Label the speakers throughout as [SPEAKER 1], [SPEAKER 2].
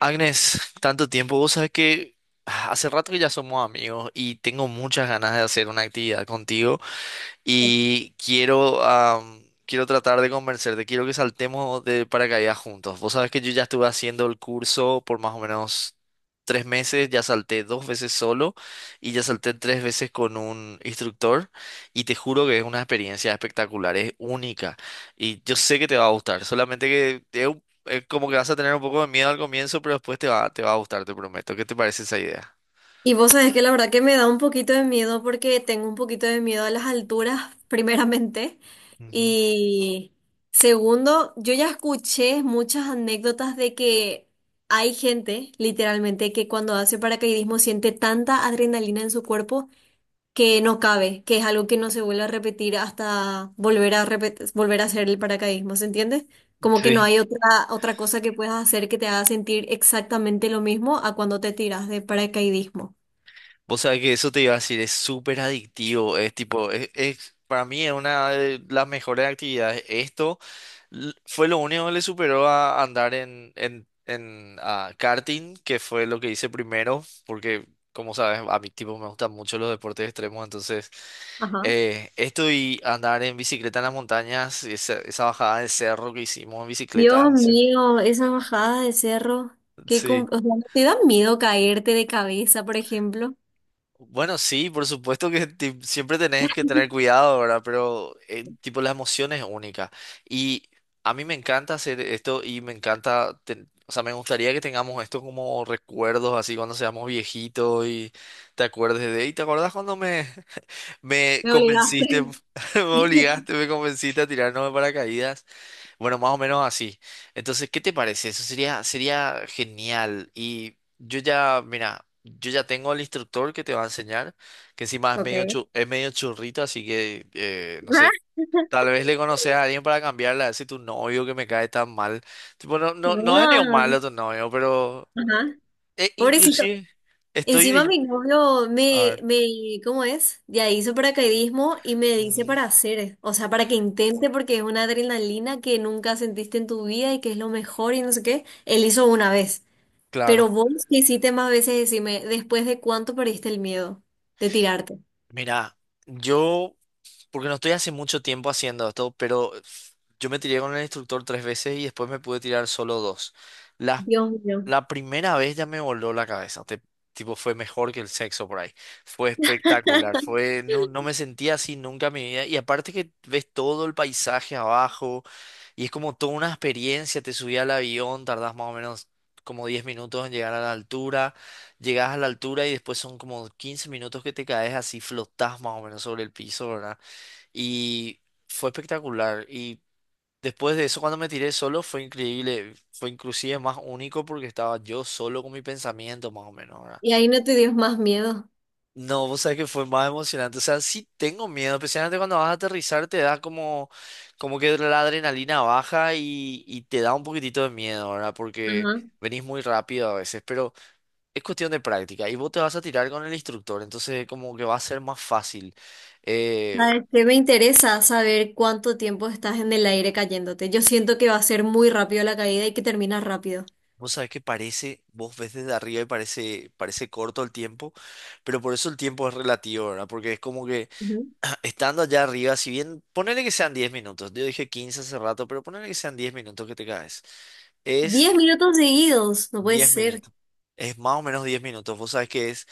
[SPEAKER 1] Agnes, tanto tiempo, vos sabés que hace rato que ya somos amigos y tengo muchas ganas de hacer una actividad contigo y quiero tratar de convencerte, quiero que saltemos de paracaídas juntos. Vos sabés que yo ya estuve haciendo el curso por más o menos 3 meses, ya salté dos veces solo y ya salté tres veces con un instructor y te juro que es una experiencia espectacular, es única y yo sé que te va a gustar, solamente que es como que vas a tener un poco de miedo al comienzo, pero después te va a gustar, te prometo. ¿Qué te parece esa idea?
[SPEAKER 2] Y vos sabés que la verdad que me da un poquito de miedo porque tengo un poquito de miedo a las alturas, primeramente.
[SPEAKER 1] Ujú.
[SPEAKER 2] Y segundo, yo ya escuché muchas anécdotas de que hay gente, literalmente, que cuando hace paracaidismo siente tanta adrenalina en su cuerpo que no cabe, que es algo que no se vuelve a repetir hasta volver a hacer el paracaidismo, ¿se entiende? Como que no
[SPEAKER 1] Sí.
[SPEAKER 2] hay otra cosa que puedas hacer que te haga sentir exactamente lo mismo a cuando te tiras de paracaidismo.
[SPEAKER 1] Vos sabés que eso te iba a decir, es súper adictivo, es tipo, para mí es una de las mejores actividades. Esto fue lo único que le superó a andar en karting, que fue lo que hice primero, porque como sabes, a mi tipo me gustan mucho los deportes extremos, entonces
[SPEAKER 2] Ajá.
[SPEAKER 1] esto y andar en bicicleta en las montañas, esa bajada del cerro que hicimos en bicicleta,
[SPEAKER 2] Dios
[SPEAKER 1] sí.
[SPEAKER 2] mío, esa bajada de cerro,
[SPEAKER 1] Sí.
[SPEAKER 2] o sea, ¿no te da miedo caerte de cabeza, por ejemplo?
[SPEAKER 1] Bueno, sí, por supuesto que siempre tenés que tener cuidado, ¿verdad? Pero tipo la emoción es única. Y a mí me encanta hacer esto y me encanta, o sea, me gustaría que tengamos esto como recuerdos, así cuando seamos viejitos y te acuerdes de, y te acordás cuando me, me
[SPEAKER 2] Me obligaste.
[SPEAKER 1] convenciste, me obligaste, me convenciste a tirarnos de paracaídas. Bueno, más o menos así. Entonces, ¿qué te parece? Eso sería, sería genial. Y yo ya, mira, yo ya tengo el instructor que te va a enseñar, que encima es medio,
[SPEAKER 2] Ok.
[SPEAKER 1] es medio churrito, así que, no
[SPEAKER 2] Ah,
[SPEAKER 1] sé, tal vez le conoces a alguien para cambiarla, a ver si tu novio que me cae tan mal. Tipo, no, no, no es ni un
[SPEAKER 2] no.
[SPEAKER 1] malo tu novio, pero
[SPEAKER 2] Ajá. Pobrecito.
[SPEAKER 1] inclusive
[SPEAKER 2] Encima
[SPEAKER 1] estoy.
[SPEAKER 2] mi novio
[SPEAKER 1] A
[SPEAKER 2] me,
[SPEAKER 1] ver.
[SPEAKER 2] me, ¿cómo es? Ya hizo paracaidismo y me dice para
[SPEAKER 1] Ujú.
[SPEAKER 2] hacer, o sea, para que intente porque es una adrenalina que nunca sentiste en tu vida y que es lo mejor y no sé qué. Él hizo una vez. Pero
[SPEAKER 1] Claro.
[SPEAKER 2] vos que hiciste más veces, decime, ¿después de cuánto perdiste el miedo de tirarte?
[SPEAKER 1] Mira, yo. Porque no estoy hace mucho tiempo haciendo esto, pero yo me tiré con el instructor tres veces y después me pude tirar solo dos. La,
[SPEAKER 2] Dios mío.
[SPEAKER 1] la primera vez ya me voló la cabeza. Tipo, fue mejor que el sexo por ahí. Fue espectacular. Fue, no, no me sentía así nunca en mi vida. Y aparte que ves todo el paisaje abajo y es como toda una experiencia. Te subí al avión, tardás más o menos como 10 minutos en llegar a la altura. Llegás a la altura y después son como 15 minutos que te caes así, flotás más o menos sobre el piso, y fue espectacular. Y después de eso, cuando me tiré solo, fue increíble. Fue inclusive más único porque estaba yo solo con mi pensamiento, más o menos, ¿verdad?
[SPEAKER 2] Y ahí no te dio más miedo.
[SPEAKER 1] No, vos sabés que fue más emocionante. O sea, sí tengo miedo, especialmente cuando vas a aterrizar, te da como que la adrenalina baja y te da un poquitito de miedo, ¿verdad? Porque
[SPEAKER 2] Ajá.
[SPEAKER 1] venís muy rápido a veces, pero es cuestión de práctica. Y vos te vas a tirar con el instructor, entonces como que va a ser más fácil. Eh,
[SPEAKER 2] ¿Sabes qué? Me interesa saber cuánto tiempo estás en el aire cayéndote. Yo siento que va a ser muy rápido la caída y que termina rápido.
[SPEAKER 1] Vos sabés que parece, vos ves desde arriba y parece corto el tiempo, pero por eso el tiempo es relativo, ¿verdad? Porque es como que
[SPEAKER 2] Ujú.
[SPEAKER 1] estando allá arriba, si bien, ponele que sean 10 minutos, yo dije 15 hace rato, pero ponele que sean 10 minutos que te caes, es
[SPEAKER 2] 10 minutos seguidos, no puede
[SPEAKER 1] 10
[SPEAKER 2] ser.
[SPEAKER 1] minutos, es más o menos 10 minutos, vos sabés que es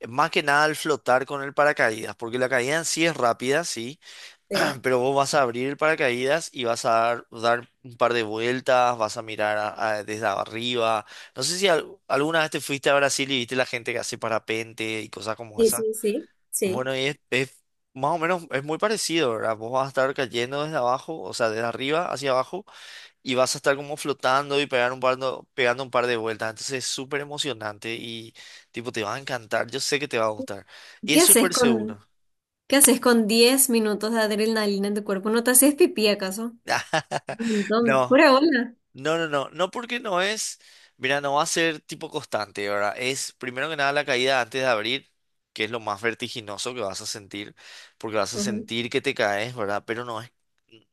[SPEAKER 1] más que nada el flotar con el paracaídas, porque la caída en sí es rápida, sí,
[SPEAKER 2] Sí,
[SPEAKER 1] pero vos vas a abrir paracaídas y vas a dar un par de vueltas, vas a mirar desde arriba. No sé si alguna vez te fuiste a Brasil y viste la gente que hace parapente y cosas como
[SPEAKER 2] sí,
[SPEAKER 1] esa.
[SPEAKER 2] sí, sí, sí.
[SPEAKER 1] Bueno, y es más o menos, es muy parecido, ¿verdad? Vos vas a estar cayendo desde abajo, o sea, desde arriba hacia abajo, y vas a estar como flotando y pegar un par de- pegando un par de vueltas. Entonces es súper emocionante y tipo, te va a encantar, yo sé que te va a gustar. Y
[SPEAKER 2] ¿Qué
[SPEAKER 1] es
[SPEAKER 2] haces
[SPEAKER 1] súper
[SPEAKER 2] con,
[SPEAKER 1] seguro.
[SPEAKER 2] qué haces con 10 minutos de adrenalina en tu cuerpo? ¿No te haces pipí acaso? Un montón.
[SPEAKER 1] No.
[SPEAKER 2] Pura bola.
[SPEAKER 1] No, no, no, no porque no es, mira, no va a ser tipo constante, ¿verdad? Es primero que nada la caída antes de abrir, que es lo más vertiginoso que vas a sentir, porque vas a
[SPEAKER 2] Ajá.
[SPEAKER 1] sentir que te caes, ¿verdad? Pero no es,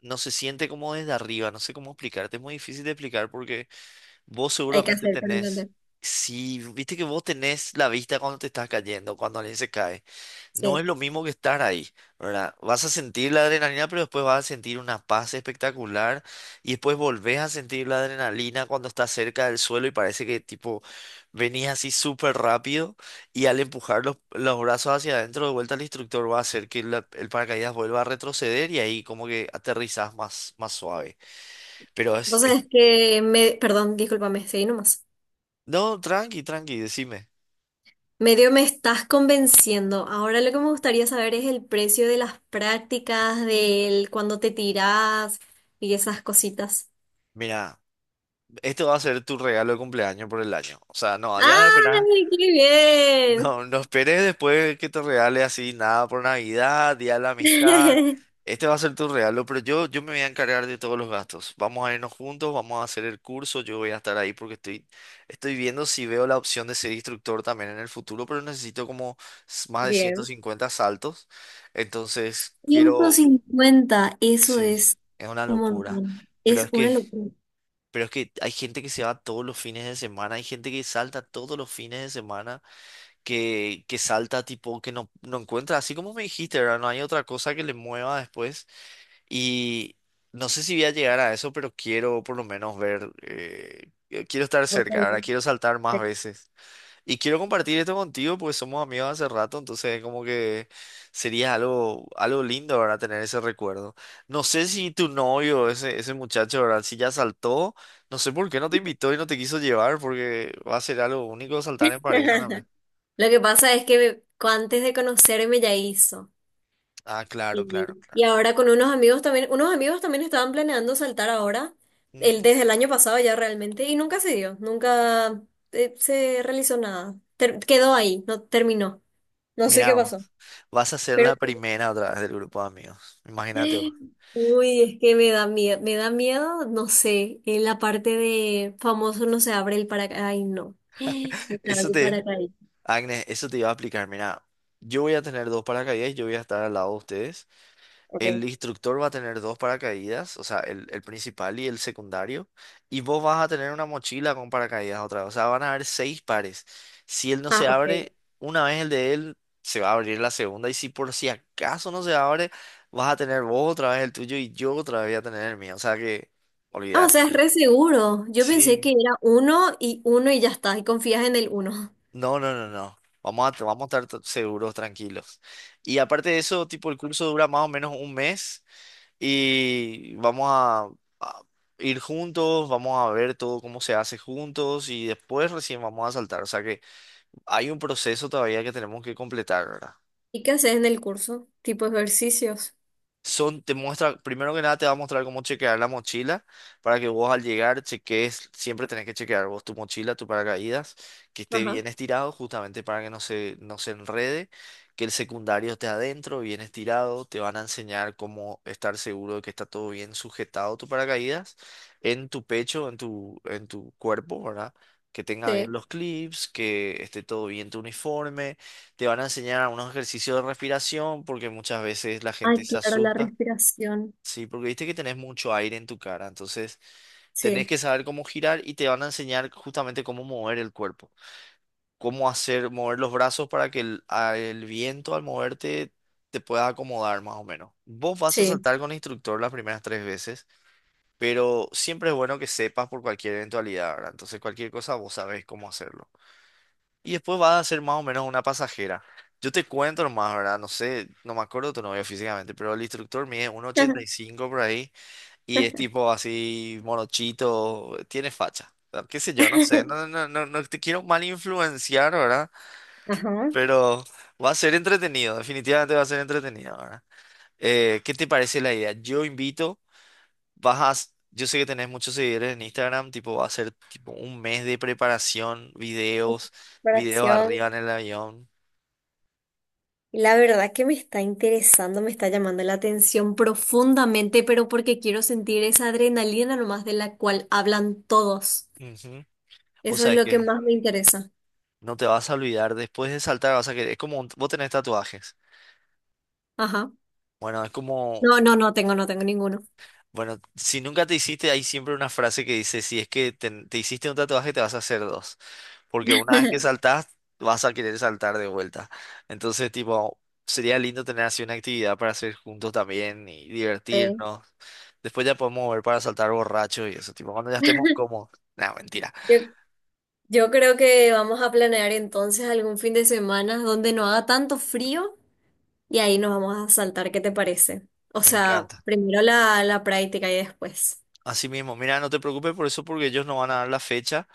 [SPEAKER 1] no se siente como desde arriba, no sé cómo explicarte, es muy difícil de explicar porque vos
[SPEAKER 2] Hay que
[SPEAKER 1] seguramente
[SPEAKER 2] hacer para
[SPEAKER 1] tenés,
[SPEAKER 2] entender.
[SPEAKER 1] si viste que vos tenés la vista cuando te estás cayendo, cuando alguien se cae. No es
[SPEAKER 2] Sí.
[SPEAKER 1] lo mismo que estar ahí, ¿verdad? Vas a sentir la adrenalina, pero después vas a sentir una paz espectacular y después volvés a sentir la adrenalina cuando estás cerca del suelo y parece que tipo venís así súper rápido y al empujar los brazos hacia adentro de vuelta el instructor va a hacer que el paracaídas vuelva a retroceder y ahí como que aterrizás más suave. Pero es...
[SPEAKER 2] Entonces
[SPEAKER 1] es-
[SPEAKER 2] es que me, perdón, discúlpame, seguí nomás.
[SPEAKER 1] No, tranqui, tranqui, decime.
[SPEAKER 2] Medio me estás convenciendo. Ahora lo que me gustaría saber es el precio de las prácticas, del cuando te tirás y esas cositas.
[SPEAKER 1] Mira, esto va a ser tu regalo de cumpleaños por el año. O sea, no, ya de esperar.
[SPEAKER 2] ¡Ay, qué
[SPEAKER 1] No, no esperes después que te regale así nada por Navidad, Día de la Amistad.
[SPEAKER 2] bien!
[SPEAKER 1] Este va a ser tu regalo, pero yo me voy a encargar de todos los gastos. Vamos a irnos juntos, vamos a hacer el curso, yo voy a estar ahí porque estoy viendo si veo la opción de ser instructor también en el futuro, pero necesito como más de ciento
[SPEAKER 2] Bien.
[SPEAKER 1] cincuenta saltos. Entonces,
[SPEAKER 2] Ciento
[SPEAKER 1] quiero...
[SPEAKER 2] cincuenta, eso
[SPEAKER 1] Sí,
[SPEAKER 2] es
[SPEAKER 1] es una
[SPEAKER 2] un
[SPEAKER 1] locura.
[SPEAKER 2] montón.
[SPEAKER 1] Pero
[SPEAKER 2] Es
[SPEAKER 1] es
[SPEAKER 2] una
[SPEAKER 1] que...
[SPEAKER 2] locura.
[SPEAKER 1] Pero es que hay gente que se va todos los fines de semana, hay gente que salta todos los fines de semana, que salta tipo, que no encuentra, así como me dijiste, ¿verdad? No hay otra cosa que le mueva después. Y no sé si voy a llegar a eso, pero quiero por lo menos ver, quiero estar
[SPEAKER 2] Por todo
[SPEAKER 1] cerca,
[SPEAKER 2] el
[SPEAKER 1] ¿verdad?
[SPEAKER 2] mundo,
[SPEAKER 1] Quiero saltar
[SPEAKER 2] sí.
[SPEAKER 1] más veces. Y quiero compartir esto contigo porque somos amigos hace rato, entonces como que sería algo, algo lindo, ¿verdad? Tener ese recuerdo. No sé si tu novio, ese muchacho, ¿verdad? Si ya saltó, no sé por qué no te invitó y no te quiso llevar porque va a ser algo único saltar en pareja también.
[SPEAKER 2] Lo que pasa es que antes de conocerme ya hizo.
[SPEAKER 1] Ah, claro, claro, claro.
[SPEAKER 2] Y ahora con unos amigos también estaban planeando saltar ahora,
[SPEAKER 1] Ujú.
[SPEAKER 2] desde el año pasado ya realmente, y nunca se dio, nunca se realizó nada. Quedó ahí, no terminó. No sé
[SPEAKER 1] Mirá,
[SPEAKER 2] qué
[SPEAKER 1] vos,
[SPEAKER 2] pasó.
[SPEAKER 1] vas a ser
[SPEAKER 2] Pero,
[SPEAKER 1] la primera otra vez del grupo de amigos. Imagínate vos.
[SPEAKER 2] uy, es que me da miedo, no sé, en la parte de famoso no se abre el paracaídas. Ay, no. No se abre
[SPEAKER 1] Eso
[SPEAKER 2] el
[SPEAKER 1] te,
[SPEAKER 2] paracaídas.
[SPEAKER 1] Agnes, eso te iba a explicar. Mira, yo voy a tener dos paracaídas y yo voy a estar al lado de ustedes. El
[SPEAKER 2] Okay.
[SPEAKER 1] instructor va a tener dos paracaídas, o sea, el principal y el secundario, y vos vas a tener una mochila con paracaídas otra vez, o sea, van a haber seis pares. Si él no
[SPEAKER 2] Ah,
[SPEAKER 1] se
[SPEAKER 2] ok.
[SPEAKER 1] abre, una vez el de él, se va a abrir la segunda, y si por si acaso no se abre, vas a tener vos otra vez el tuyo y yo otra vez voy a tener el mío, o sea que,
[SPEAKER 2] Ah, o sea,
[SPEAKER 1] olvídate.
[SPEAKER 2] es re seguro. Yo pensé que
[SPEAKER 1] Sí.
[SPEAKER 2] era uno y uno y ya está, y confías en el uno.
[SPEAKER 1] No, no, no, no. Vamos a estar seguros, tranquilos. Y aparte de eso, tipo, el curso dura más o menos un mes. Y vamos a ir juntos, vamos a ver todo cómo se hace juntos y después recién vamos a saltar. O sea que hay un proceso todavía que tenemos que completar, ¿verdad?
[SPEAKER 2] ¿Y qué haces en el curso? ¿Tipo ejercicios?
[SPEAKER 1] Son, te muestra, primero que nada te va a mostrar cómo chequear la mochila para que vos al llegar cheques, siempre tenés que chequear vos tu mochila, tu paracaídas, que esté
[SPEAKER 2] Ajá,
[SPEAKER 1] bien estirado justamente para que no se enrede, que el secundario esté adentro, bien estirado, te van a enseñar cómo estar seguro de que está todo bien sujetado tu paracaídas en tu pecho, en tu cuerpo, ¿verdad? Que tenga bien
[SPEAKER 2] sí.
[SPEAKER 1] los clips, que esté todo bien tu uniforme, te van a enseñar unos ejercicios de respiración porque muchas veces la gente
[SPEAKER 2] Ay,
[SPEAKER 1] se
[SPEAKER 2] claro, la
[SPEAKER 1] asusta,
[SPEAKER 2] respiración.
[SPEAKER 1] ¿sí? Porque viste que tenés mucho aire en tu cara, entonces tenés
[SPEAKER 2] Sí,
[SPEAKER 1] que saber cómo girar y te van a enseñar justamente cómo mover el cuerpo, cómo hacer mover los brazos para que el viento al moverte te pueda acomodar más o menos. Vos vas a
[SPEAKER 2] sí.
[SPEAKER 1] saltar con el instructor las primeras tres veces, pero siempre es bueno que sepas por cualquier eventualidad, ¿verdad? Entonces cualquier cosa vos sabés cómo hacerlo. Y después va a ser más o menos una pasajera. Yo te cuento nomás, ¿verdad? No sé, no me acuerdo tu novio físicamente, pero el instructor mide 1,85 por ahí y es tipo así morochito, tiene facha. O sea, qué sé yo, no sé, no, no, no, no no te quiero mal influenciar, ¿verdad?
[SPEAKER 2] Ajá,
[SPEAKER 1] Pero va a ser entretenido, definitivamente va a ser entretenido, ¿verdad? ¿Qué te parece la idea? Yo invito, yo sé que tenés muchos seguidores en Instagram, tipo va a ser tipo un mes de preparación, videos
[SPEAKER 2] respiración.
[SPEAKER 1] arriba en el avión.
[SPEAKER 2] Y la verdad que me está interesando, me está llamando la atención profundamente, pero porque quiero sentir esa adrenalina nomás de la cual hablan todos.
[SPEAKER 1] Ujú. O
[SPEAKER 2] Eso es
[SPEAKER 1] sabés
[SPEAKER 2] lo que
[SPEAKER 1] que
[SPEAKER 2] más me interesa.
[SPEAKER 1] no te vas a olvidar, después de saltar vas a querer, es como vos tenés tatuajes.
[SPEAKER 2] Ajá.
[SPEAKER 1] Bueno, es como,
[SPEAKER 2] No, no no tengo, no tengo ninguno.
[SPEAKER 1] bueno, si nunca te hiciste, hay siempre una frase que dice, si es que te hiciste un tatuaje, te vas a hacer dos. Porque una vez que saltás, vas a querer saltar de vuelta. Entonces, tipo, sería lindo tener así una actividad para hacer juntos también y
[SPEAKER 2] Sí.
[SPEAKER 1] divertirnos. Después ya podemos ver para saltar borracho y eso, tipo, cuando ya estemos como no, mentira,
[SPEAKER 2] Yo Yo creo que vamos a planear entonces algún fin de semana donde no haga tanto frío y ahí nos vamos a saltar, ¿qué te parece? O
[SPEAKER 1] me
[SPEAKER 2] sea,
[SPEAKER 1] encanta.
[SPEAKER 2] primero la, la práctica y después.
[SPEAKER 1] Así mismo, mira, no te preocupes por eso porque ellos no van a dar la fecha.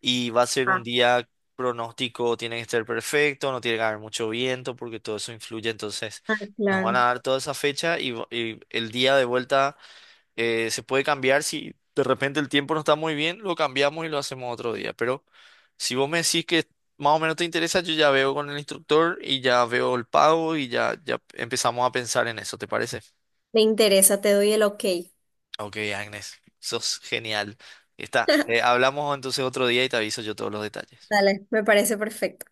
[SPEAKER 1] Y va a ser un
[SPEAKER 2] Ah,
[SPEAKER 1] día pronóstico, tiene que estar perfecto, no tiene que haber mucho viento porque todo eso influye, entonces
[SPEAKER 2] ah,
[SPEAKER 1] nos van a
[SPEAKER 2] claro.
[SPEAKER 1] dar toda esa fecha y el día de vuelta se puede cambiar si de repente el tiempo no está muy bien, lo cambiamos y lo hacemos otro día, pero si vos me decís que más o menos te interesa, yo ya veo con el instructor y ya veo el pago y ya empezamos a pensar en eso, ¿te parece?
[SPEAKER 2] Me interesa, te doy el ok.
[SPEAKER 1] Ok, Agnes, sos genial. Está, hablamos entonces otro día y te aviso yo todos los detalles.
[SPEAKER 2] Dale, me parece perfecto.